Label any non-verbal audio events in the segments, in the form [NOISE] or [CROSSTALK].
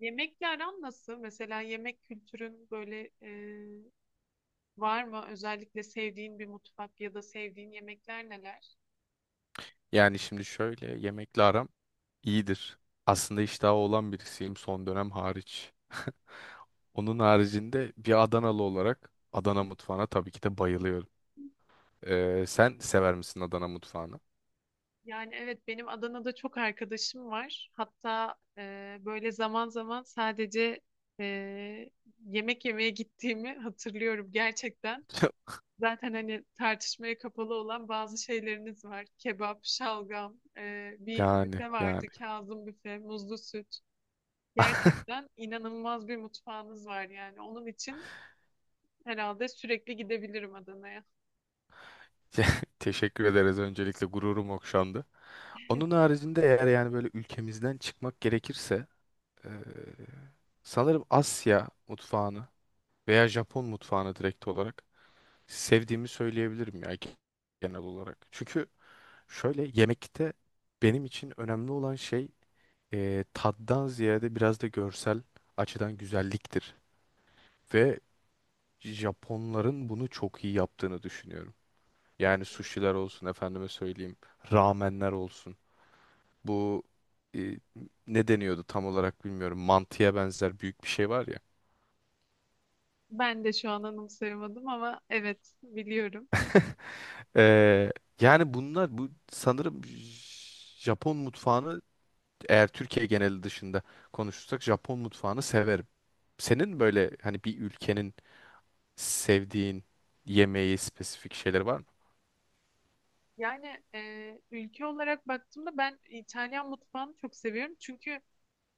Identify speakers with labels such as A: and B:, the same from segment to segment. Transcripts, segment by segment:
A: Yemekle aran nasıl? Mesela yemek kültürün böyle var mı? Özellikle sevdiğin bir mutfak ya da sevdiğin yemekler neler?
B: Yani şimdi şöyle yemekle aram iyidir. Aslında iştahı olan birisiyim son dönem hariç. [LAUGHS] Onun haricinde bir Adanalı olarak Adana mutfağına tabii ki de bayılıyorum. Sen sever misin Adana mutfağını?
A: Yani evet benim Adana'da çok arkadaşım var. Hatta böyle zaman zaman sadece e, yemek yemeye gittiğimi hatırlıyorum gerçekten.
B: [LAUGHS]
A: Zaten hani tartışmaya kapalı olan bazı şeyleriniz var. Kebap, şalgam, bir
B: Yani
A: büfe vardı.
B: yani.
A: Kazım büfe, muzlu süt.
B: [LAUGHS]
A: Gerçekten inanılmaz bir mutfağınız var yani. Onun için herhalde sürekli gidebilirim Adana'ya.
B: Ya, teşekkür ederiz, öncelikle gururum okşandı. Onun haricinde eğer yani böyle ülkemizden çıkmak gerekirse eee, sanırım Asya mutfağını veya Japon mutfağını direkt olarak sevdiğimi söyleyebilirim ya genel olarak. Çünkü şöyle yemekte benim için önemli olan şey tattan ziyade biraz da görsel açıdan güzelliktir. Ve Japonların bunu çok iyi yaptığını düşünüyorum. Yani
A: Kesinlikle.
B: sushiler olsun, efendime söyleyeyim, ramenler olsun. Bu e, ne deniyordu tam olarak bilmiyorum. Mantıya benzer büyük bir şey var ya.
A: Ben de şu an anımsayamadım ama evet biliyorum.
B: E, Yani bunlar bu sanırım Japon mutfağını, eğer Türkiye geneli dışında konuşursak, Japon mutfağını severim. Senin böyle hani bir ülkenin sevdiğin yemeği, spesifik şeyleri var mı?
A: Yani ülke olarak baktığımda ben İtalyan mutfağını çok seviyorum. Çünkü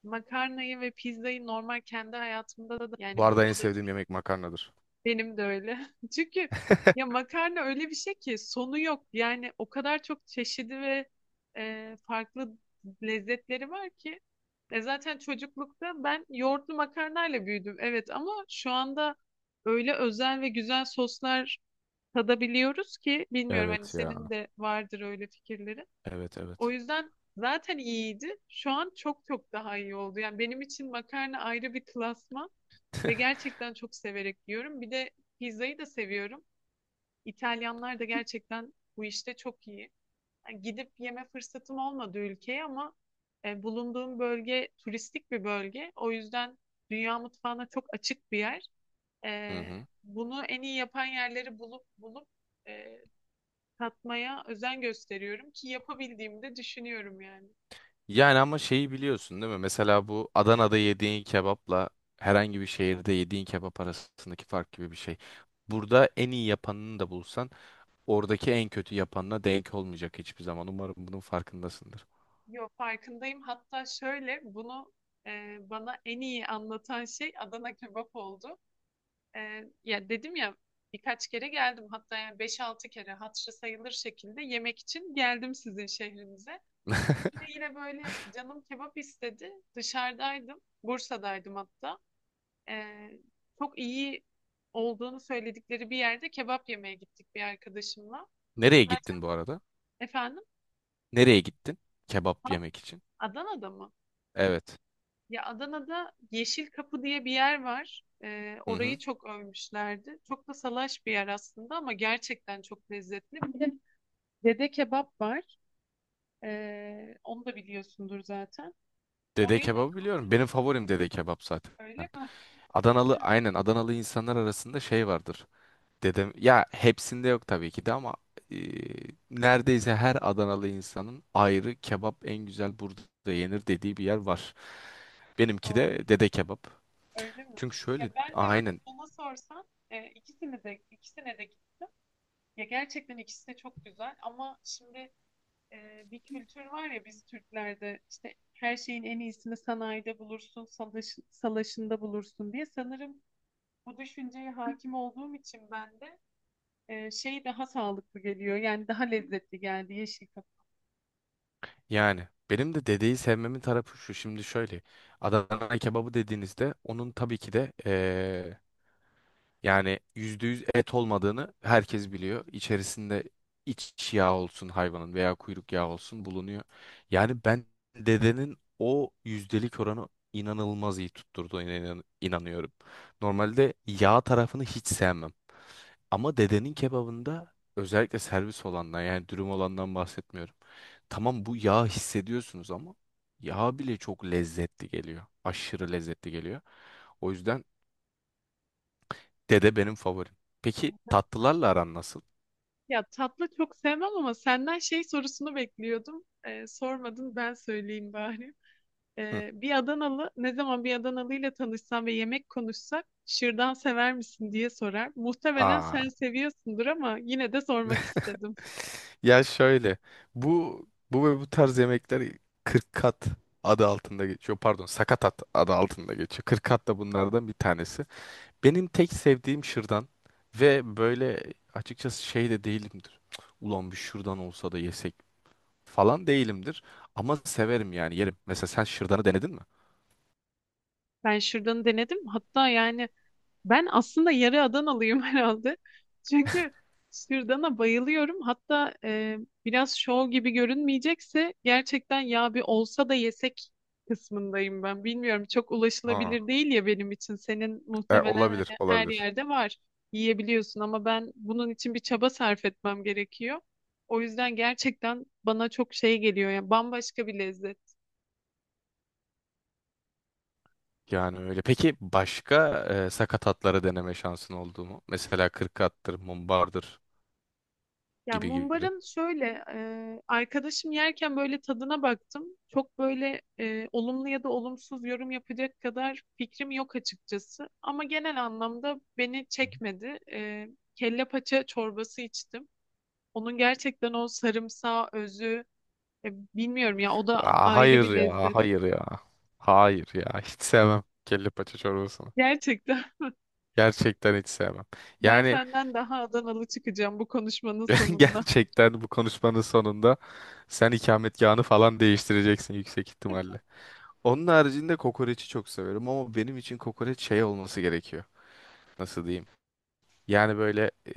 A: makarnayı ve pizzayı normal kendi hayatımda da
B: Bu
A: yani
B: arada en
A: burada da.
B: sevdiğim yemek makarnadır.
A: Benim de öyle. [LAUGHS] Çünkü ya
B: [LAUGHS]
A: makarna öyle bir şey ki sonu yok. Yani o kadar çok çeşidi ve farklı lezzetleri var ki. Zaten çocuklukta ben yoğurtlu makarnayla büyüdüm. Evet ama şu anda öyle özel ve güzel soslar tadabiliyoruz ki bilmiyorum hani
B: Evet ya.
A: senin de vardır öyle fikirlerin.
B: Evet
A: O
B: evet.
A: yüzden zaten iyiydi. Şu an çok çok daha iyi oldu. Yani benim için makarna ayrı bir klasman. Ve gerçekten çok severek yiyorum. Bir de pizzayı da seviyorum. İtalyanlar da gerçekten bu işte çok iyi. Yani gidip yeme fırsatım olmadı ülkeye ama bulunduğum bölge turistik bir bölge. O yüzden dünya mutfağına çok açık bir yer. E,
B: Hı hı.
A: Bunu en iyi yapan yerleri bulup e, katmaya özen gösteriyorum ki yapabildiğimi de düşünüyorum yani.
B: Yani ama şeyi biliyorsun değil mi? Mesela bu Adana'da yediğin kebapla herhangi bir şehirde yediğin kebap arasındaki fark gibi bir şey. Burada en iyi yapanını da bulsan oradaki en kötü yapanına denk olmayacak hiçbir zaman. Umarım bunun farkındasındır.
A: Yo, farkındayım. Hatta şöyle bunu bana en iyi anlatan şey Adana kebap oldu. E, Ya dedim ya, birkaç kere geldim hatta yani beş altı kere hatırı sayılır şekilde yemek için geldim sizin şehrinize.
B: [LAUGHS]
A: Bir de yine böyle canım kebap istedi. Dışarıdaydım. Bursa'daydım hatta. Ee, Çok iyi olduğunu söyledikleri bir yerde kebap yemeye gittik bir arkadaşımla.
B: Nereye
A: Zaten
B: gittin bu arada?
A: efendim,
B: Nereye gittin? Kebap
A: ha,
B: yemek için.
A: Adana'da mı?
B: Evet.
A: Ya, Adana'da Yeşil Kapı diye bir yer var.
B: Hı
A: Orayı
B: hı.
A: çok övmüşlerdi. Çok da salaş bir yer aslında ama gerçekten çok lezzetli. Bir de Dede Kebap var. Onu da biliyorsundur zaten.
B: Dede
A: Oraya da
B: kebabı
A: kebap,
B: biliyorum. Benim favorim dede kebap zaten.
A: öyle mi?
B: Adanalı,
A: Ya,
B: aynen Adanalı insanlar arasında şey vardır. Dedem, ya hepsinde yok tabii ki de ama e, neredeyse her Adanalı insanın ayrı kebap en güzel burada yenir dediği bir yer var. Benimki
A: doğru.
B: de dede kebap.
A: Öyle mi?
B: Çünkü
A: Ya
B: şöyle
A: ben de mesela
B: aynen,
A: bana sorsan ikisini de, ikisine de, ya gerçekten ikisi de çok güzel ama şimdi bir kültür var ya biz Türklerde işte her şeyin en iyisini sanayide bulursun, salaş, salaşında bulursun diye sanırım bu düşünceye hakim olduğum için ben de şey daha sağlıklı geliyor. Yani daha lezzetli geldi Yeşil Kapı.
B: yani benim de dedeyi sevmemin tarafı şu. Şimdi şöyle Adana kebabı dediğinizde onun tabii ki de, yani %100 et olmadığını herkes biliyor. İçerisinde iç yağ olsun hayvanın veya kuyruk yağı olsun bulunuyor. Yani ben dedenin o yüzdelik oranı inanılmaz iyi tutturduğuna inanıyorum. Normalde yağ tarafını hiç sevmem. Ama dedenin kebabında, özellikle servis olandan yani dürüm olandan bahsetmiyorum. Tamam, bu yağ hissediyorsunuz ama yağ bile çok lezzetli geliyor. Aşırı lezzetli geliyor. O yüzden dede benim favorim. Peki tatlılarla aran nasıl?
A: Ya tatlı çok sevmem ama senden şey sorusunu bekliyordum. E, sormadın ben söyleyeyim bari.
B: Hı.
A: Bir Adanalı ne zaman bir Adanalı ile tanışsam ve yemek konuşsak şırdan sever misin diye sorar. Muhtemelen
B: Aa,
A: sen seviyorsundur ama yine de sormak istedim.
B: ya şöyle bu, bu ve bu tarz yemekler 40 kat adı altında geçiyor. Pardon, sakatat adı altında geçiyor. 40 kat da bunlardan bir tanesi. Benim tek sevdiğim şırdan ve böyle, açıkçası şey de değilimdir. Ulan bir şırdan olsa da yesek falan değilimdir. Ama severim, yani yerim. Mesela sen şırdanı denedin mi?
A: Ben şırdanı denedim. Hatta yani ben aslında yarı Adanalıyım [LAUGHS] herhalde. Çünkü sürdana bayılıyorum. Hatta biraz şov gibi görünmeyecekse gerçekten ya bir olsa da yesek kısmındayım ben. Bilmiyorum, çok
B: Aa,
A: ulaşılabilir değil ya benim için. Senin muhtemelen hani
B: olabilir,
A: her
B: olabilir.
A: yerde var. Yiyebiliyorsun ama ben bunun için bir çaba sarf etmem gerekiyor. O yüzden gerçekten bana çok şey geliyor ya, bambaşka bir lezzet.
B: Yani öyle. Peki başka sakat atları deneme şansın oldu mu? Mesela kırk attır, mumbardır
A: Ya
B: gibi gibi.
A: mumbarın şöyle arkadaşım yerken böyle tadına baktım. Çok böyle olumlu ya da olumsuz yorum yapacak kadar fikrim yok açıkçası. Ama genel anlamda beni çekmedi. Kelle paça çorbası içtim. Onun gerçekten o sarımsağı özü, e, bilmiyorum ya, o da
B: Aa,
A: ayrı
B: hayır
A: bir
B: ya,
A: lezzet.
B: hayır ya. Hayır ya, [LAUGHS] hiç sevmem kelle paça çorbasını.
A: Gerçekten.
B: Gerçekten hiç sevmem.
A: [LAUGHS] Ben
B: Yani
A: senden daha Adanalı çıkacağım bu konuşmanın
B: [LAUGHS]
A: sonunda.
B: gerçekten bu konuşmanın sonunda sen ikametgahını falan değiştireceksin yüksek ihtimalle. Onun haricinde kokoreçi çok severim ama benim için kokoreç şey olması gerekiyor. Nasıl diyeyim? Yani böyle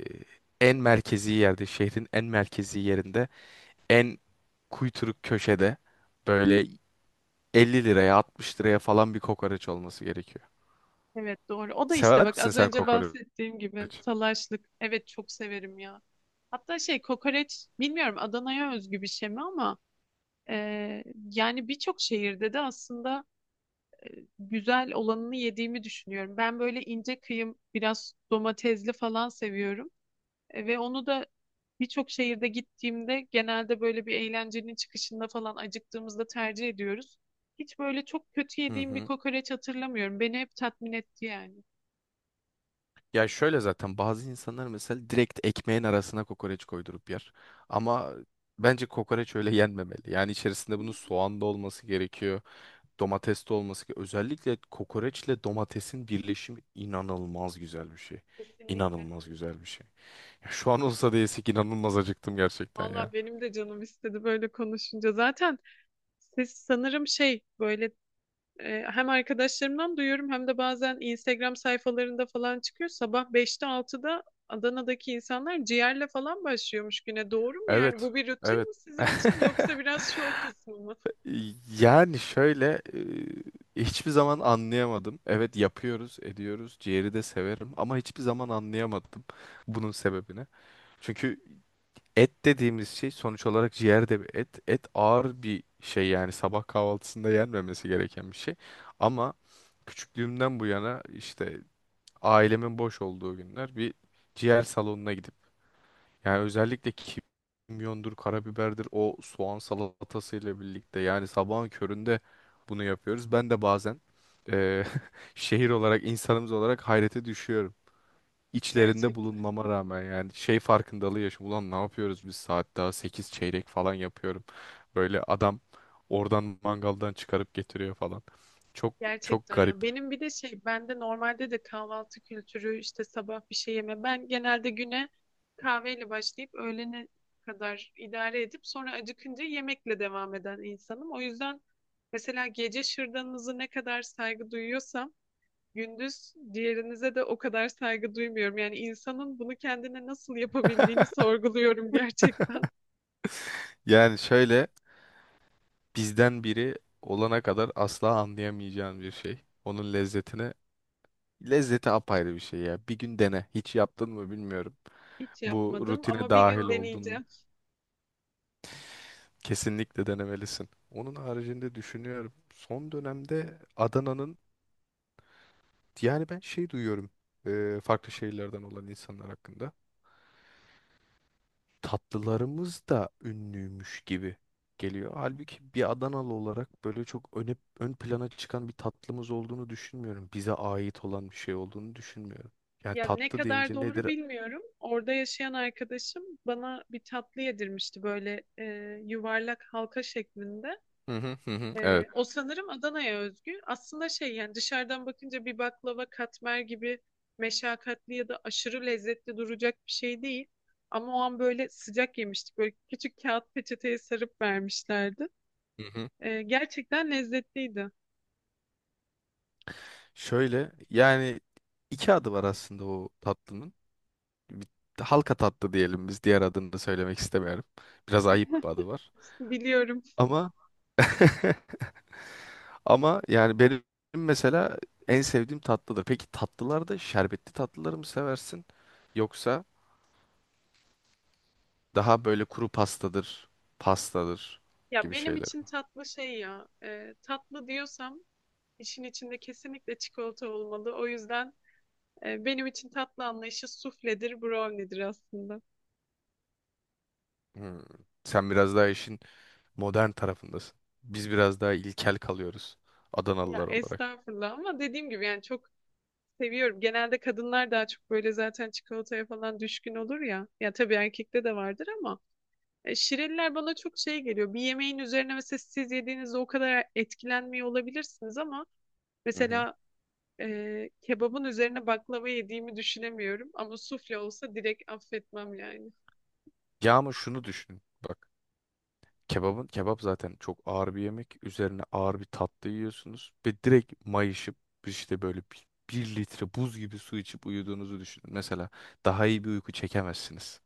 B: en merkezi yerde, şehrin en merkezi yerinde, en kuyturuk köşede, böyle 50 liraya 60 liraya falan bir kokoreç olması gerekiyor.
A: Evet doğru. O da işte
B: Sever
A: bak
B: misin
A: az
B: sen
A: önce
B: kokoreç?
A: bahsettiğim gibi salaşlık. Evet çok severim ya. Hatta şey, kokoreç bilmiyorum Adana'ya özgü bir şey mi ama e, yani birçok şehirde de aslında güzel olanını yediğimi düşünüyorum. Ben böyle ince kıyım biraz domatesli falan seviyorum. Ve onu da birçok şehirde gittiğimde genelde böyle bir eğlencenin çıkışında falan acıktığımızda tercih ediyoruz. Hiç böyle çok kötü
B: Hı
A: yediğim bir
B: hı.
A: kokoreç hatırlamıyorum. Beni hep tatmin etti yani.
B: Ya şöyle, zaten bazı insanlar mesela direkt ekmeğin arasına kokoreç koydurup yer. Ama bence kokoreç öyle yenmemeli. Yani içerisinde bunun soğan da olması gerekiyor, domates de olması gerekiyor. Özellikle kokoreçle domatesin birleşimi inanılmaz güzel bir şey.
A: Kesinlikle,
B: İnanılmaz
A: evet.
B: güzel bir şey. Ya şu an olsa da yesek, inanılmaz acıktım gerçekten ya.
A: Valla benim de canım istedi böyle konuşunca. Zaten siz sanırım şey böyle, hem arkadaşlarımdan duyuyorum hem de bazen Instagram sayfalarında falan çıkıyor. Sabah beşte altıda Adana'daki insanlar ciğerle falan başlıyormuş güne. Doğru mu yani?
B: Evet,
A: Bu bir
B: evet.
A: rutin mi sizin için
B: [LAUGHS]
A: yoksa biraz şov kısmı mı?
B: Yani şöyle, hiçbir zaman anlayamadım. Evet, yapıyoruz, ediyoruz. Ciğeri de severim ama hiçbir zaman anlayamadım bunun sebebini. Çünkü et dediğimiz şey, sonuç olarak ciğer de bir et. Et ağır bir şey, yani sabah kahvaltısında yenmemesi gereken bir şey. Ama küçüklüğümden bu yana işte ailemin boş olduğu günler bir ciğer salonuna gidip, yani özellikle kimyondur, karabiberdir, o soğan salatasıyla birlikte, yani sabahın köründe bunu yapıyoruz. Ben de bazen eee, [LAUGHS] şehir olarak, insanımız olarak hayrete düşüyorum. İçlerinde
A: Gerçekten.
B: bulunmama rağmen yani şey farkındalığı yaşıyorum. Ulan ne yapıyoruz biz saat daha 8 çeyrek falan yapıyorum. Böyle adam oradan mangaldan çıkarıp getiriyor falan. Çok çok
A: Gerçekten ya.
B: garip.
A: Benim bir de şey, bende normalde de kahvaltı kültürü işte sabah bir şey yeme. Ben genelde güne kahveyle başlayıp öğlene kadar idare edip sonra acıkınca yemekle devam eden insanım. O yüzden mesela gece şırdanınızı ne kadar saygı duyuyorsam gündüz diğerinize de o kadar saygı duymuyorum. Yani insanın bunu kendine nasıl yapabildiğini
B: [LAUGHS]
A: sorguluyorum gerçekten.
B: Yani şöyle, bizden biri olana kadar asla anlayamayacağın bir şey. Onun lezzetini, lezzeti apayrı bir şey ya. Bir gün dene. Hiç yaptın mı bilmiyorum.
A: Hiç
B: Bu
A: yapmadım
B: rutine
A: ama bir
B: dahil
A: gün
B: oldun mu?
A: deneyeceğim.
B: Kesinlikle denemelisin. Onun haricinde düşünüyorum. Son dönemde Adana'nın, yani ben şey duyuyorum farklı şehirlerden olan insanlar hakkında. Tatlılarımız da ünlüymüş gibi geliyor. Halbuki bir Adanalı olarak böyle çok öne, ön plana çıkan bir tatlımız olduğunu düşünmüyorum. Bize ait olan bir şey olduğunu düşünmüyorum. Yani
A: Ya ne
B: tatlı
A: kadar
B: deyince
A: doğru
B: nedir?
A: bilmiyorum. Orada yaşayan arkadaşım bana bir tatlı yedirmişti böyle, yuvarlak halka şeklinde.
B: Hı hı hı. Hı,
A: E,
B: evet.
A: o sanırım Adana'ya özgü. Aslında şey, yani dışarıdan bakınca bir baklava katmer gibi meşakkatli ya da aşırı lezzetli duracak bir şey değil. Ama o an böyle sıcak yemiştik. Böyle küçük kağıt peçeteye sarıp vermişlerdi. Gerçekten lezzetliydi.
B: Şöyle yani iki adı var aslında o tatlının. Bir, halka tatlı diyelim biz, diğer adını da söylemek istemiyorum. Biraz ayıp bir adı var.
A: Biliyorum.
B: Ama [LAUGHS] ama yani benim mesela en sevdiğim tatlıdır. Peki tatlılarda şerbetli tatlıları mı seversin, yoksa daha böyle kuru pastadır, pastadır
A: Ya
B: gibi
A: benim
B: şeyler
A: için
B: mi?
A: tatlı şey ya. Tatlı diyorsam İşin içinde kesinlikle çikolata olmalı. O yüzden benim için tatlı anlayışı sufledir, brownie'dir aslında.
B: Hmm. Sen biraz daha işin modern tarafındasın. Biz biraz daha ilkel kalıyoruz
A: Ya
B: Adanalılar olarak.
A: estağfurullah ama dediğim gibi yani çok seviyorum. Genelde kadınlar daha çok böyle zaten çikolataya falan düşkün olur ya. Ya tabii erkekte de vardır ama şireliler bana çok şey geliyor. Bir yemeğin üzerine mesela siz yediğinizde o kadar etkilenmiyor olabilirsiniz ama
B: Hı hı.
A: mesela kebabın üzerine baklava yediğimi düşünemiyorum ama sufle olsa direkt affetmem yani.
B: Ya ama şunu düşün. Bak. Kebabın kebap zaten çok ağır bir yemek. Üzerine ağır bir tatlı yiyorsunuz ve direkt mayışıp, işte böyle bir litre buz gibi su içip uyuduğunuzu düşünün. Mesela daha iyi bir uyku çekemezsiniz.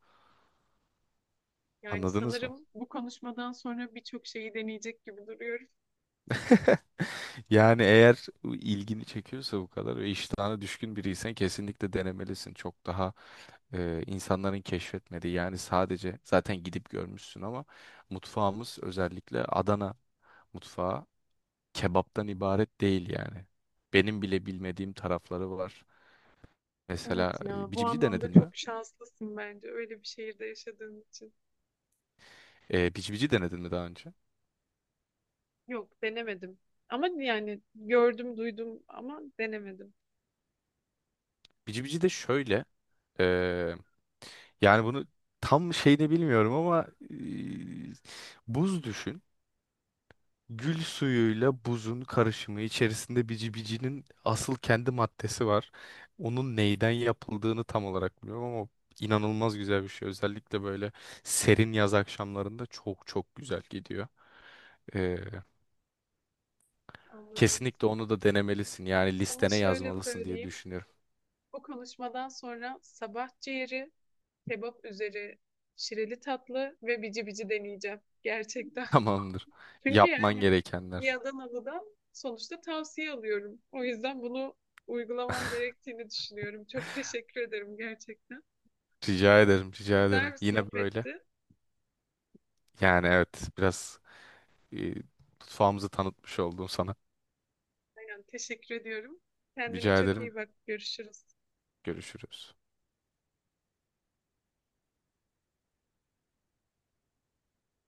A: Yani
B: Anladınız mı?
A: sanırım bu konuşmadan sonra birçok şeyi deneyecek gibi duruyoruz.
B: Yani eğer ilgini çekiyorsa bu kadar ve iştahına düşkün biriysen kesinlikle denemelisin. Çok daha insanların keşfetmediği, yani sadece zaten gidip görmüşsün ama mutfağımız, özellikle Adana mutfağı kebaptan ibaret değil yani. Benim bile bilmediğim tarafları var. Mesela
A: Evet ya,
B: bici
A: bu
B: bici
A: anlamda
B: denedin
A: çok
B: mi?
A: şanslısın bence öyle bir şehirde yaşadığın için.
B: Bici bici denedin mi daha önce?
A: Yok, denemedim. Ama yani gördüm, duydum ama denemedim.
B: Bici bici de şöyle. e, Yani bunu tam şeyini bilmiyorum ama buz düşün. Gül suyuyla buzun karışımı içerisinde bici bicinin asıl kendi maddesi var. Onun neyden yapıldığını tam olarak bilmiyorum ama inanılmaz güzel bir şey. Özellikle böyle serin yaz akşamlarında çok güzel gidiyor. E,
A: Anladım.
B: Kesinlikle onu da denemelisin. Yani
A: Sana
B: listene
A: şöyle
B: yazmalısın diye
A: söyleyeyim.
B: düşünüyorum.
A: Bu konuşmadan sonra sabah ciğeri, kebap üzeri, şireli tatlı ve bici bici deneyeceğim. Gerçekten.
B: Tamamdır.
A: [LAUGHS] Çünkü
B: Yapman
A: yani bir
B: gerekenler.
A: Adanalı'dan sonuçta tavsiye alıyorum. O yüzden bunu uygulamam gerektiğini düşünüyorum. Çok teşekkür ederim gerçekten.
B: Rica
A: Çok
B: ederim, rica
A: güzel
B: ederim.
A: bir
B: Yine böyle.
A: sohbetti.
B: Yani evet, biraz e, mutfağımızı tanıtmış oldum sana.
A: Yani teşekkür ediyorum. Kendine
B: Rica
A: çok
B: ederim.
A: iyi bak. Görüşürüz.
B: Görüşürüz.